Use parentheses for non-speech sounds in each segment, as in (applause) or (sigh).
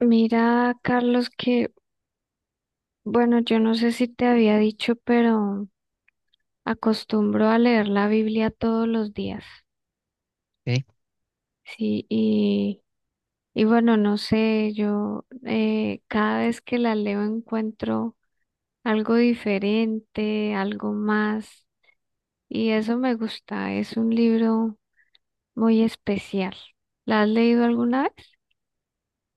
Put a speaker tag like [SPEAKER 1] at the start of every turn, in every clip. [SPEAKER 1] Mira, Carlos, que bueno, yo no sé si te había dicho, pero acostumbro a leer la Biblia todos los días.
[SPEAKER 2] Ok.
[SPEAKER 1] Sí, y bueno, no sé, yo cada vez que la leo encuentro algo diferente, algo más, y eso me gusta, es un libro muy especial. ¿La has leído alguna vez?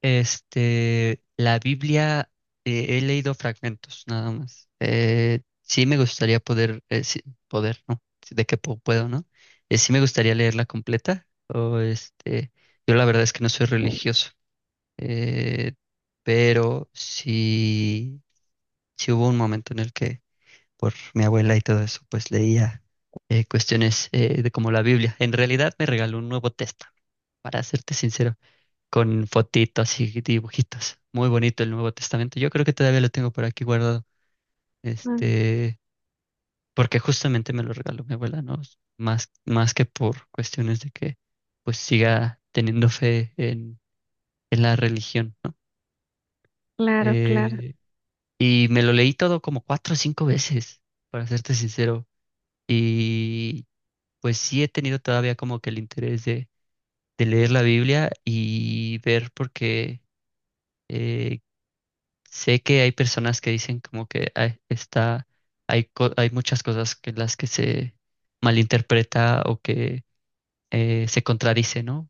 [SPEAKER 2] La Biblia, he leído fragmentos nada más. Sí me gustaría poder, poder, ¿no? Sí, de que puedo, ¿no? Sí me gustaría leerla completa. O yo la verdad es que no soy religioso, eh, pero sí, sí hubo un momento en el que por mi abuela y todo eso, pues leía cuestiones de como la Biblia. En realidad me regaló un Nuevo Testamento, para serte sincero, con fotitos y dibujitos. Muy bonito el Nuevo Testamento. Yo creo que todavía lo tengo por aquí guardado.
[SPEAKER 1] Ah,
[SPEAKER 2] Este, Porque justamente me lo regaló mi abuela, ¿no? Más, más que por cuestiones de que pues siga teniendo fe en la religión, ¿no?
[SPEAKER 1] claro, claro.
[SPEAKER 2] Eh, y me lo leí todo como cuatro o cinco veces, para serte sincero. Y pues sí he tenido todavía como que el interés de leer la Biblia y ver por qué eh, sé que hay personas que dicen como que "Ay, está, hay, hay muchas cosas que las que se malinterpreta o que se contradice, ¿no?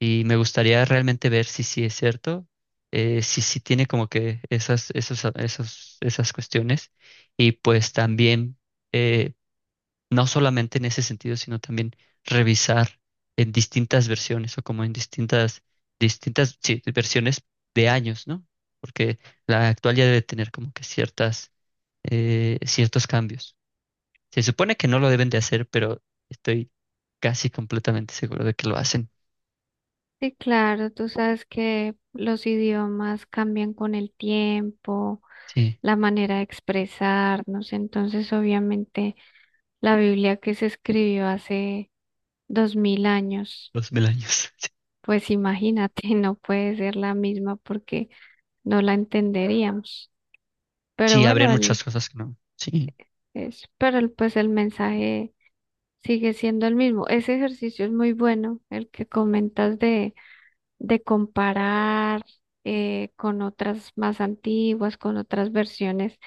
[SPEAKER 2] Y me gustaría realmente ver si sí es cierto, si sí tiene como que esas, esos, esos, esas cuestiones. Y pues también eh, no solamente en ese sentido, sino también revisar en distintas versiones o como en distintas, distintas, sí, versiones de años, ¿no? Porque la actual ya debe tener como que ciertas, ciertos cambios. Se supone que no lo deben de hacer, pero estoy casi completamente seguro de que lo hacen.
[SPEAKER 1] Sí, claro, tú sabes que los idiomas cambian con el tiempo,
[SPEAKER 2] Sí,
[SPEAKER 1] la manera de expresarnos. Entonces, obviamente, la Biblia que se escribió hace 2000 años,
[SPEAKER 2] los mil años. (laughs)
[SPEAKER 1] pues imagínate, (laughs) no puede ser la misma porque no la entenderíamos.
[SPEAKER 2] Sí,
[SPEAKER 1] Pero
[SPEAKER 2] sí, habrían
[SPEAKER 1] bueno, el,
[SPEAKER 2] muchas cosas que no. Sí,
[SPEAKER 1] es, pero el- pues el mensaje sigue siendo el mismo. Ese ejercicio es muy bueno, el que comentas de comparar con otras más antiguas, con otras versiones.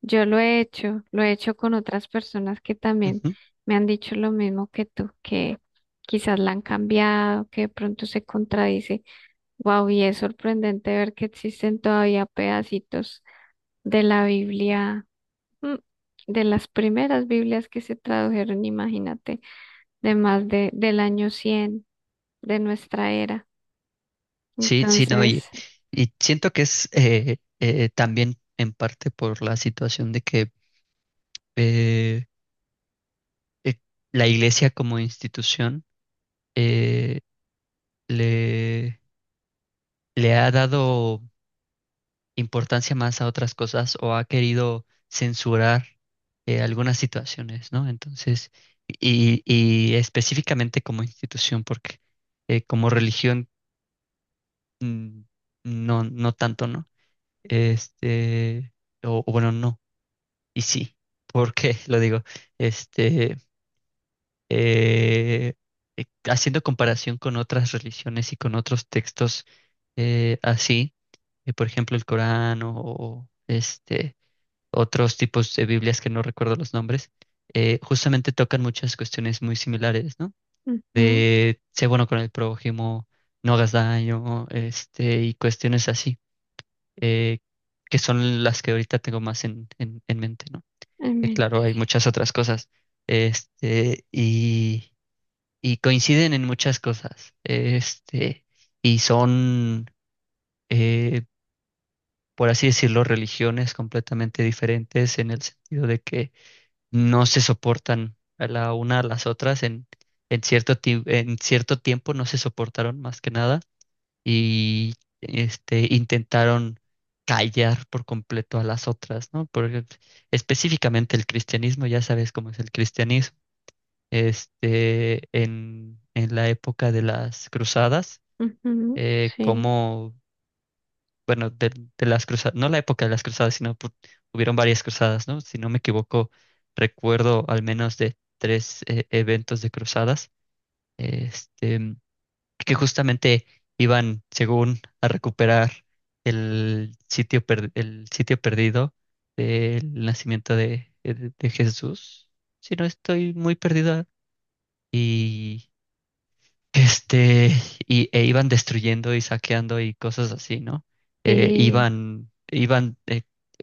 [SPEAKER 1] Yo lo he hecho con otras personas que también
[SPEAKER 2] ujú.
[SPEAKER 1] me han dicho lo mismo que tú, que quizás la han cambiado, que de pronto se contradice. Wow, y es sorprendente ver que existen todavía pedacitos de la Biblia, mm, de las primeras Biblias que se tradujeron, imagínate, de más de, del año 100 de nuestra era.
[SPEAKER 2] Sí, sí, no,
[SPEAKER 1] Entonces,
[SPEAKER 2] y siento que es también en parte por la situación de que eh, eh, la iglesia como institución, eh, le, le ha dado importancia más a otras cosas o ha querido censurar algunas situaciones, ¿no? Entonces, y específicamente como institución, porque como religión mm, no, no tanto, ¿no? Este, o, o bueno, no, y sí, ¿por qué (laughs) lo digo? Este, eh, Haciendo comparación con otras religiones y con otros textos así, por ejemplo el Corán o, otros tipos de Biblias que no recuerdo los nombres, justamente tocan muchas cuestiones muy similares, ¿no?
[SPEAKER 1] ujú,
[SPEAKER 2] De sé bueno con el prójimo, no hagas daño, y cuestiones así, eh, que son las que ahorita tengo más en mente, ¿no?
[SPEAKER 1] en mente,
[SPEAKER 2] Claro, hay
[SPEAKER 1] sí.
[SPEAKER 2] muchas otras cosas. Y, y coinciden en muchas cosas. Y son, eh, por así decirlo, religiones completamente diferentes en el sentido de que no se soportan a la una a las otras. En cierto, en cierto tiempo no se soportaron más que nada y intentaron callar por completo a las otras, ¿no? Porque específicamente el cristianismo, ya sabes cómo es el cristianismo en la época de las cruzadas,
[SPEAKER 1] Ujú,
[SPEAKER 2] eh,
[SPEAKER 1] sí,
[SPEAKER 2] como, bueno, de las cruzadas, no la época de las cruzadas, hubieron varias cruzadas, ¿no? Si no me equivoco, recuerdo al menos de tres eventos de cruzadas, este, que justamente iban, según, a recuperar el sitio, el sitio perdido del nacimiento de, de Jesús. Si no estoy muy perdida. Y Este, y, e iban destruyendo y saqueando y cosas así, ¿no?
[SPEAKER 1] sí,
[SPEAKER 2] Iban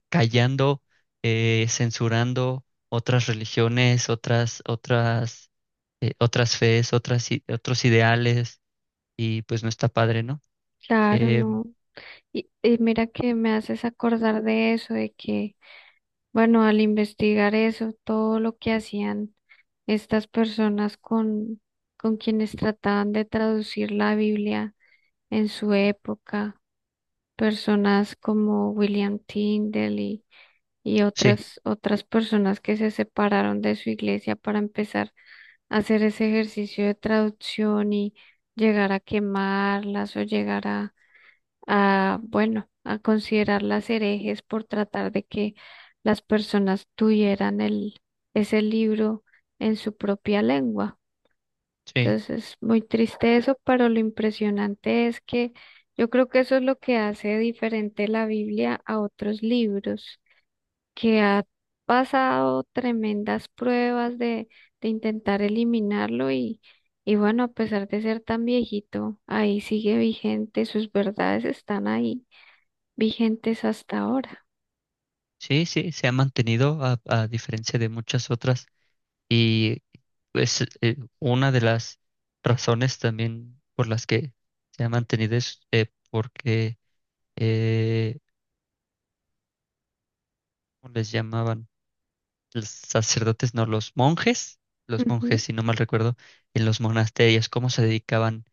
[SPEAKER 2] callando, censurando otras religiones, otras, otras, otras fees, otras, otros ideales, y pues no está padre, ¿no?
[SPEAKER 1] claro,
[SPEAKER 2] Em,
[SPEAKER 1] no. Y mira que me haces acordar de eso, de que, bueno, al investigar eso, todo lo que hacían estas personas con quienes trataban de traducir la Biblia en su época, personas como William Tyndale y
[SPEAKER 2] sí,
[SPEAKER 1] otras, otras personas que se separaron de su iglesia para empezar a hacer ese ejercicio de traducción y llegar a quemarlas o llegar a, bueno, a considerarlas herejes por tratar de que las personas tuvieran el, ese libro en su propia lengua.
[SPEAKER 2] sí,
[SPEAKER 1] Entonces es muy triste eso, pero lo impresionante es que yo creo que eso es lo que hace diferente la Biblia a otros libros, que ha pasado tremendas pruebas de intentar eliminarlo y bueno, a pesar de ser tan viejito, ahí sigue vigente, sus verdades están ahí vigentes hasta ahora.
[SPEAKER 2] sí, sí, se ha mantenido a diferencia de muchas otras. Y es una de las razones también por las que se ha mantenido es porque, eh, ¿cómo les llamaban? Los sacerdotes, no, los monjes,
[SPEAKER 1] Ujú,
[SPEAKER 2] si no mal recuerdo, en los monasterios, cómo se dedicaban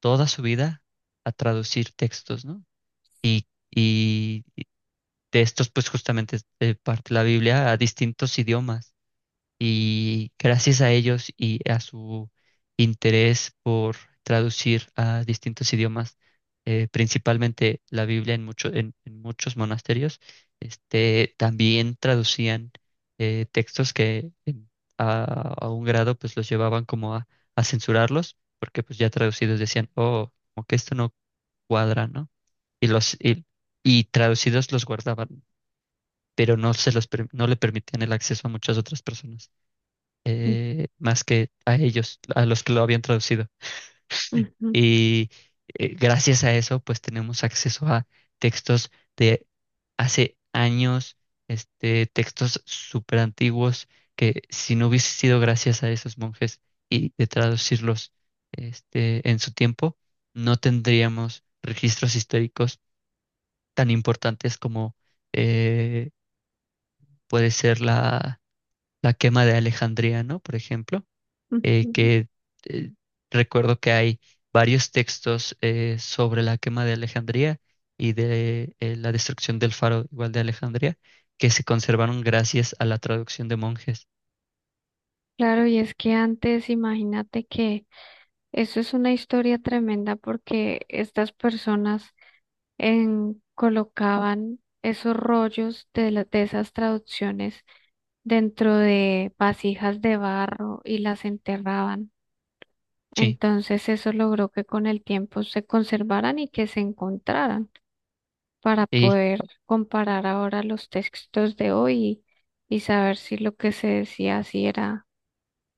[SPEAKER 2] toda su vida a traducir textos, ¿no? Y, y de estos, pues justamente parte la Biblia a distintos idiomas y gracias a ellos y a su interés por traducir a distintos idiomas, principalmente la Biblia en, en muchos monasterios, también traducían textos a, a un grado pues los llevaban como a censurarlos, porque pues ya traducidos decían, oh, como que esto no cuadra, ¿no? Y los y, y traducidos los guardaban, pero no se los no le permitían el acceso a muchas otras personas más que a ellos, a los que lo habían traducido.
[SPEAKER 1] ujú,
[SPEAKER 2] Y gracias a eso, pues tenemos acceso a textos de hace años, textos súper antiguos, que si no hubiese sido gracias a esos monjes y de traducirlos en su tiempo, no tendríamos registros históricos tan importantes como eh, puede ser la, la quema de Alejandría, ¿no? Por ejemplo
[SPEAKER 1] ujú.
[SPEAKER 2] que eh, recuerdo que hay varios textos sobre la quema de Alejandría y de la destrucción del faro igual de Alejandría, que se conservaron gracias a la traducción de monjes.
[SPEAKER 1] Claro, y es que antes, imagínate que eso es una historia tremenda porque estas personas en- colocaban esos rollos de, la- de esas traducciones dentro de vasijas de barro y las enterraban.
[SPEAKER 2] Sí,
[SPEAKER 1] Entonces eso logró que con el tiempo se conservaran y que se encontraran, para
[SPEAKER 2] y
[SPEAKER 1] poder comparar ahora los textos de hoy y saber si lo que se decía si era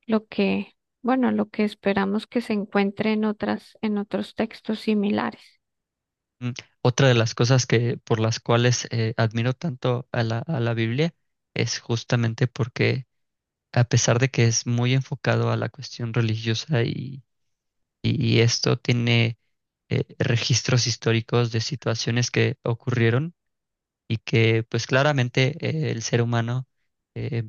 [SPEAKER 1] lo que, bueno, lo que esperamos que se encuentre en otras, en otros textos similares.
[SPEAKER 2] mm, otra de las cosas que por las cuales admiro tanto a la Biblia es justamente porque a pesar de que es muy enfocado a la cuestión religiosa y esto tiene registros históricos de situaciones que ocurrieron, y que pues claramente el ser humano eh,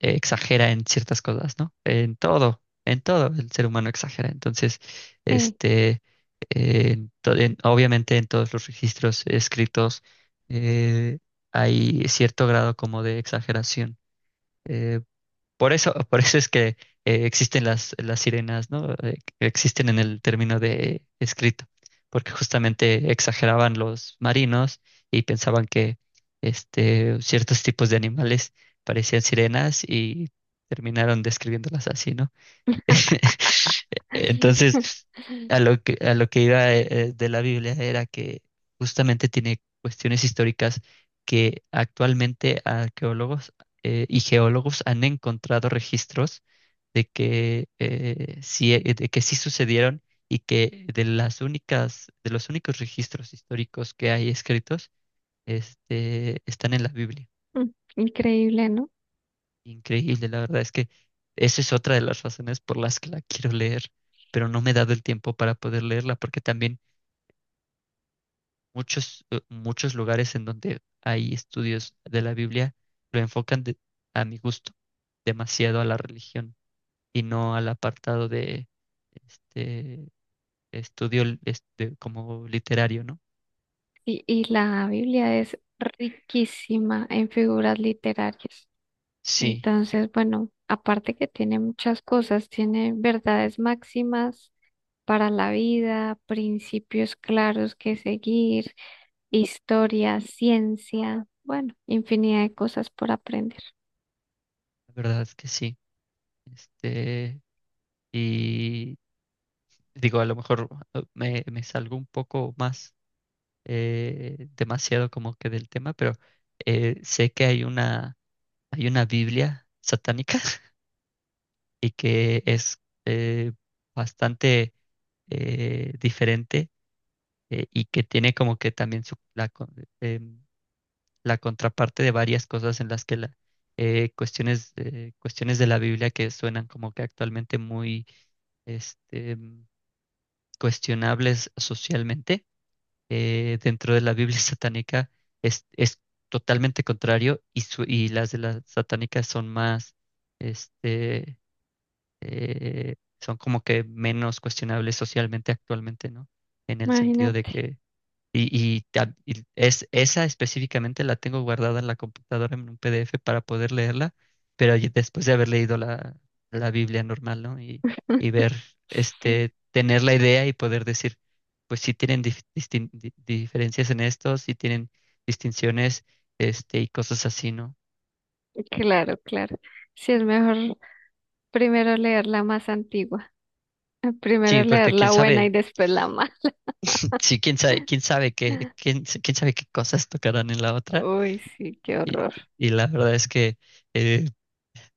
[SPEAKER 2] exagera en ciertas cosas, ¿no? En todo el ser humano exagera. Entonces,
[SPEAKER 1] Sí.
[SPEAKER 2] este, obviamente en todos los registros escritos eh, hay cierto grado como de exageración. Eh, por eso, (laughs) por eso es que existen las sirenas, ¿no? Existen en el término de escrito, porque justamente exageraban los marinos y pensaban que ciertos tipos de animales parecían sirenas y terminaron describiéndolas así, ¿no? (laughs)
[SPEAKER 1] (laughs)
[SPEAKER 2] Entonces, a lo que iba de la Biblia era que justamente tiene cuestiones históricas que actualmente arqueólogos y geólogos han encontrado registros de que de que sí sucedieron y que de las únicas, de los únicos registros históricos que hay escritos, están en la Biblia.
[SPEAKER 1] Mm, increíble, ¿no?
[SPEAKER 2] Increíble, la verdad es que esa es otra de las razones por las que la quiero leer, pero no me he dado el tiempo para poder leerla porque también muchos lugares en donde hay estudios de la Biblia lo enfocan a mi gusto demasiado a la religión y no al apartado de este estudio como literario, ¿no?
[SPEAKER 1] Y la Biblia es riquísima en figuras literarias.
[SPEAKER 2] Sí,
[SPEAKER 1] Entonces, bueno, aparte que tiene muchas cosas, tiene verdades máximas para la vida, principios claros que seguir, historia, ciencia, bueno, infinidad de cosas por aprender.
[SPEAKER 2] la verdad es que sí. Este, y digo, a lo mejor me salgo un poco más demasiado como que del tema, pero sé que hay una Biblia satánica (laughs) y que es bastante diferente y que tiene como que también em, la contraparte de varias cosas en las que la, cuestiones de la Biblia que suenan como que actualmente muy mm, cuestionables socialmente dentro de la Biblia (laughs) satánica es totalmente contrario y, y las de la satánica son más, este, son como que menos cuestionables socialmente actualmente, ¿no? En el sentido de
[SPEAKER 1] Imagínate.
[SPEAKER 2] que esa específicamente la tengo guardada en la computadora en un PDF para poder leerla, pero ya después de haber leído la, la Biblia normal, ¿no? Y
[SPEAKER 1] (laughs)
[SPEAKER 2] ver, tener la idea y poder decir, pues sí tienen diferencias en esto, sí tienen distinciones, y cosas así, ¿no?
[SPEAKER 1] Claro, claro. Sí, es mejor primero leer la más antigua, (laughs) primero
[SPEAKER 2] Sí,
[SPEAKER 1] leer
[SPEAKER 2] porque quién
[SPEAKER 1] la buena y
[SPEAKER 2] sabe,
[SPEAKER 1] después la mala.
[SPEAKER 2] (clears throat) (laughs) sí, quién sabe, quién sabe qué cosas tocarán en la otra.
[SPEAKER 1] Uy, sí, qué
[SPEAKER 2] Y,
[SPEAKER 1] horror.
[SPEAKER 2] y la verdad es que eh,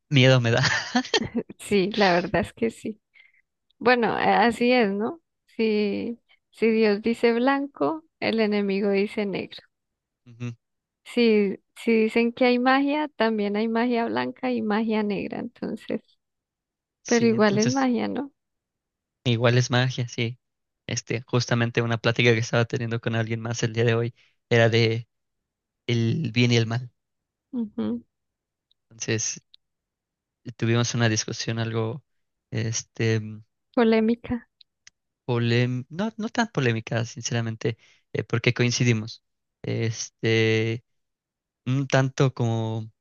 [SPEAKER 2] miedo me da. (laughs)
[SPEAKER 1] Sí, la verdad es que sí. Bueno, a- así es, ¿no? Si, si Dios dice blanco, el enemigo dice negro.
[SPEAKER 2] Ujú.
[SPEAKER 1] Si, si dicen que hay magia, también hay magia blanca y magia negra, entonces, pero
[SPEAKER 2] Sí,
[SPEAKER 1] igual es
[SPEAKER 2] entonces
[SPEAKER 1] magia, ¿no?
[SPEAKER 2] igual es magia, sí. Justamente una plática que estaba teniendo con alguien más el día de hoy era de el bien y el mal.
[SPEAKER 1] Ujú,
[SPEAKER 2] Entonces, tuvimos una discusión algo, este,
[SPEAKER 1] polémica.
[SPEAKER 2] no, no tan polémica, sinceramente, porque coincidimos. Este, un tanto como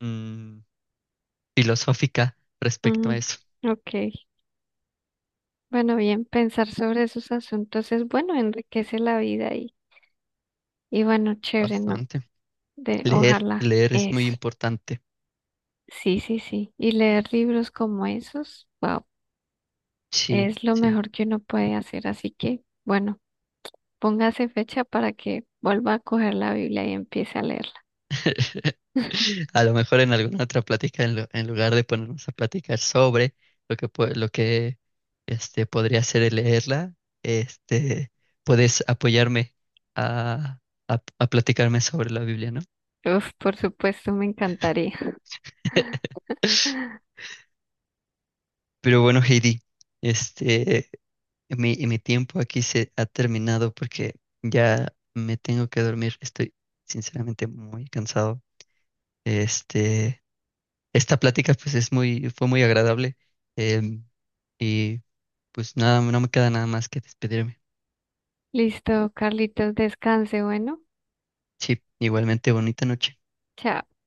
[SPEAKER 2] mm, filosófica respecto a
[SPEAKER 1] Mm,
[SPEAKER 2] eso.
[SPEAKER 1] ok. Bueno, bien, pensar sobre esos asuntos es bueno, enriquece la vida y bueno, chévere, ¿no?
[SPEAKER 2] Bastante.
[SPEAKER 1] De,
[SPEAKER 2] Leer,
[SPEAKER 1] ojalá
[SPEAKER 2] leer es muy
[SPEAKER 1] eso.
[SPEAKER 2] importante.
[SPEAKER 1] Sí, sí, sí. Y leer libros como esos, wow,
[SPEAKER 2] Sí,
[SPEAKER 1] es lo
[SPEAKER 2] sí.
[SPEAKER 1] mejor que uno puede hacer. Así que, bueno, póngase fecha para que vuelva a coger la Biblia y empiece a leerla.
[SPEAKER 2] (laughs) A lo mejor en alguna otra plática, en lugar de ponernos a platicar sobre lo que, lo que podría ser el leerla, este, puedes apoyarme a, a platicarme sobre la Biblia, ¿no?
[SPEAKER 1] Uf, por supuesto, me encantaría.
[SPEAKER 2] (laughs) Pero bueno, Heidi, este, mi, mi tiempo aquí se ha terminado porque ya me tengo que dormir. Estoy sinceramente muy cansado. Este, Esta plática pues es muy, fue muy agradable. em, y Pues nada, no me queda nada más que despedirme.
[SPEAKER 1] (laughs) Listo, Carlitos, descanse, bueno.
[SPEAKER 2] Sí, igualmente bonita noche.
[SPEAKER 1] Chao.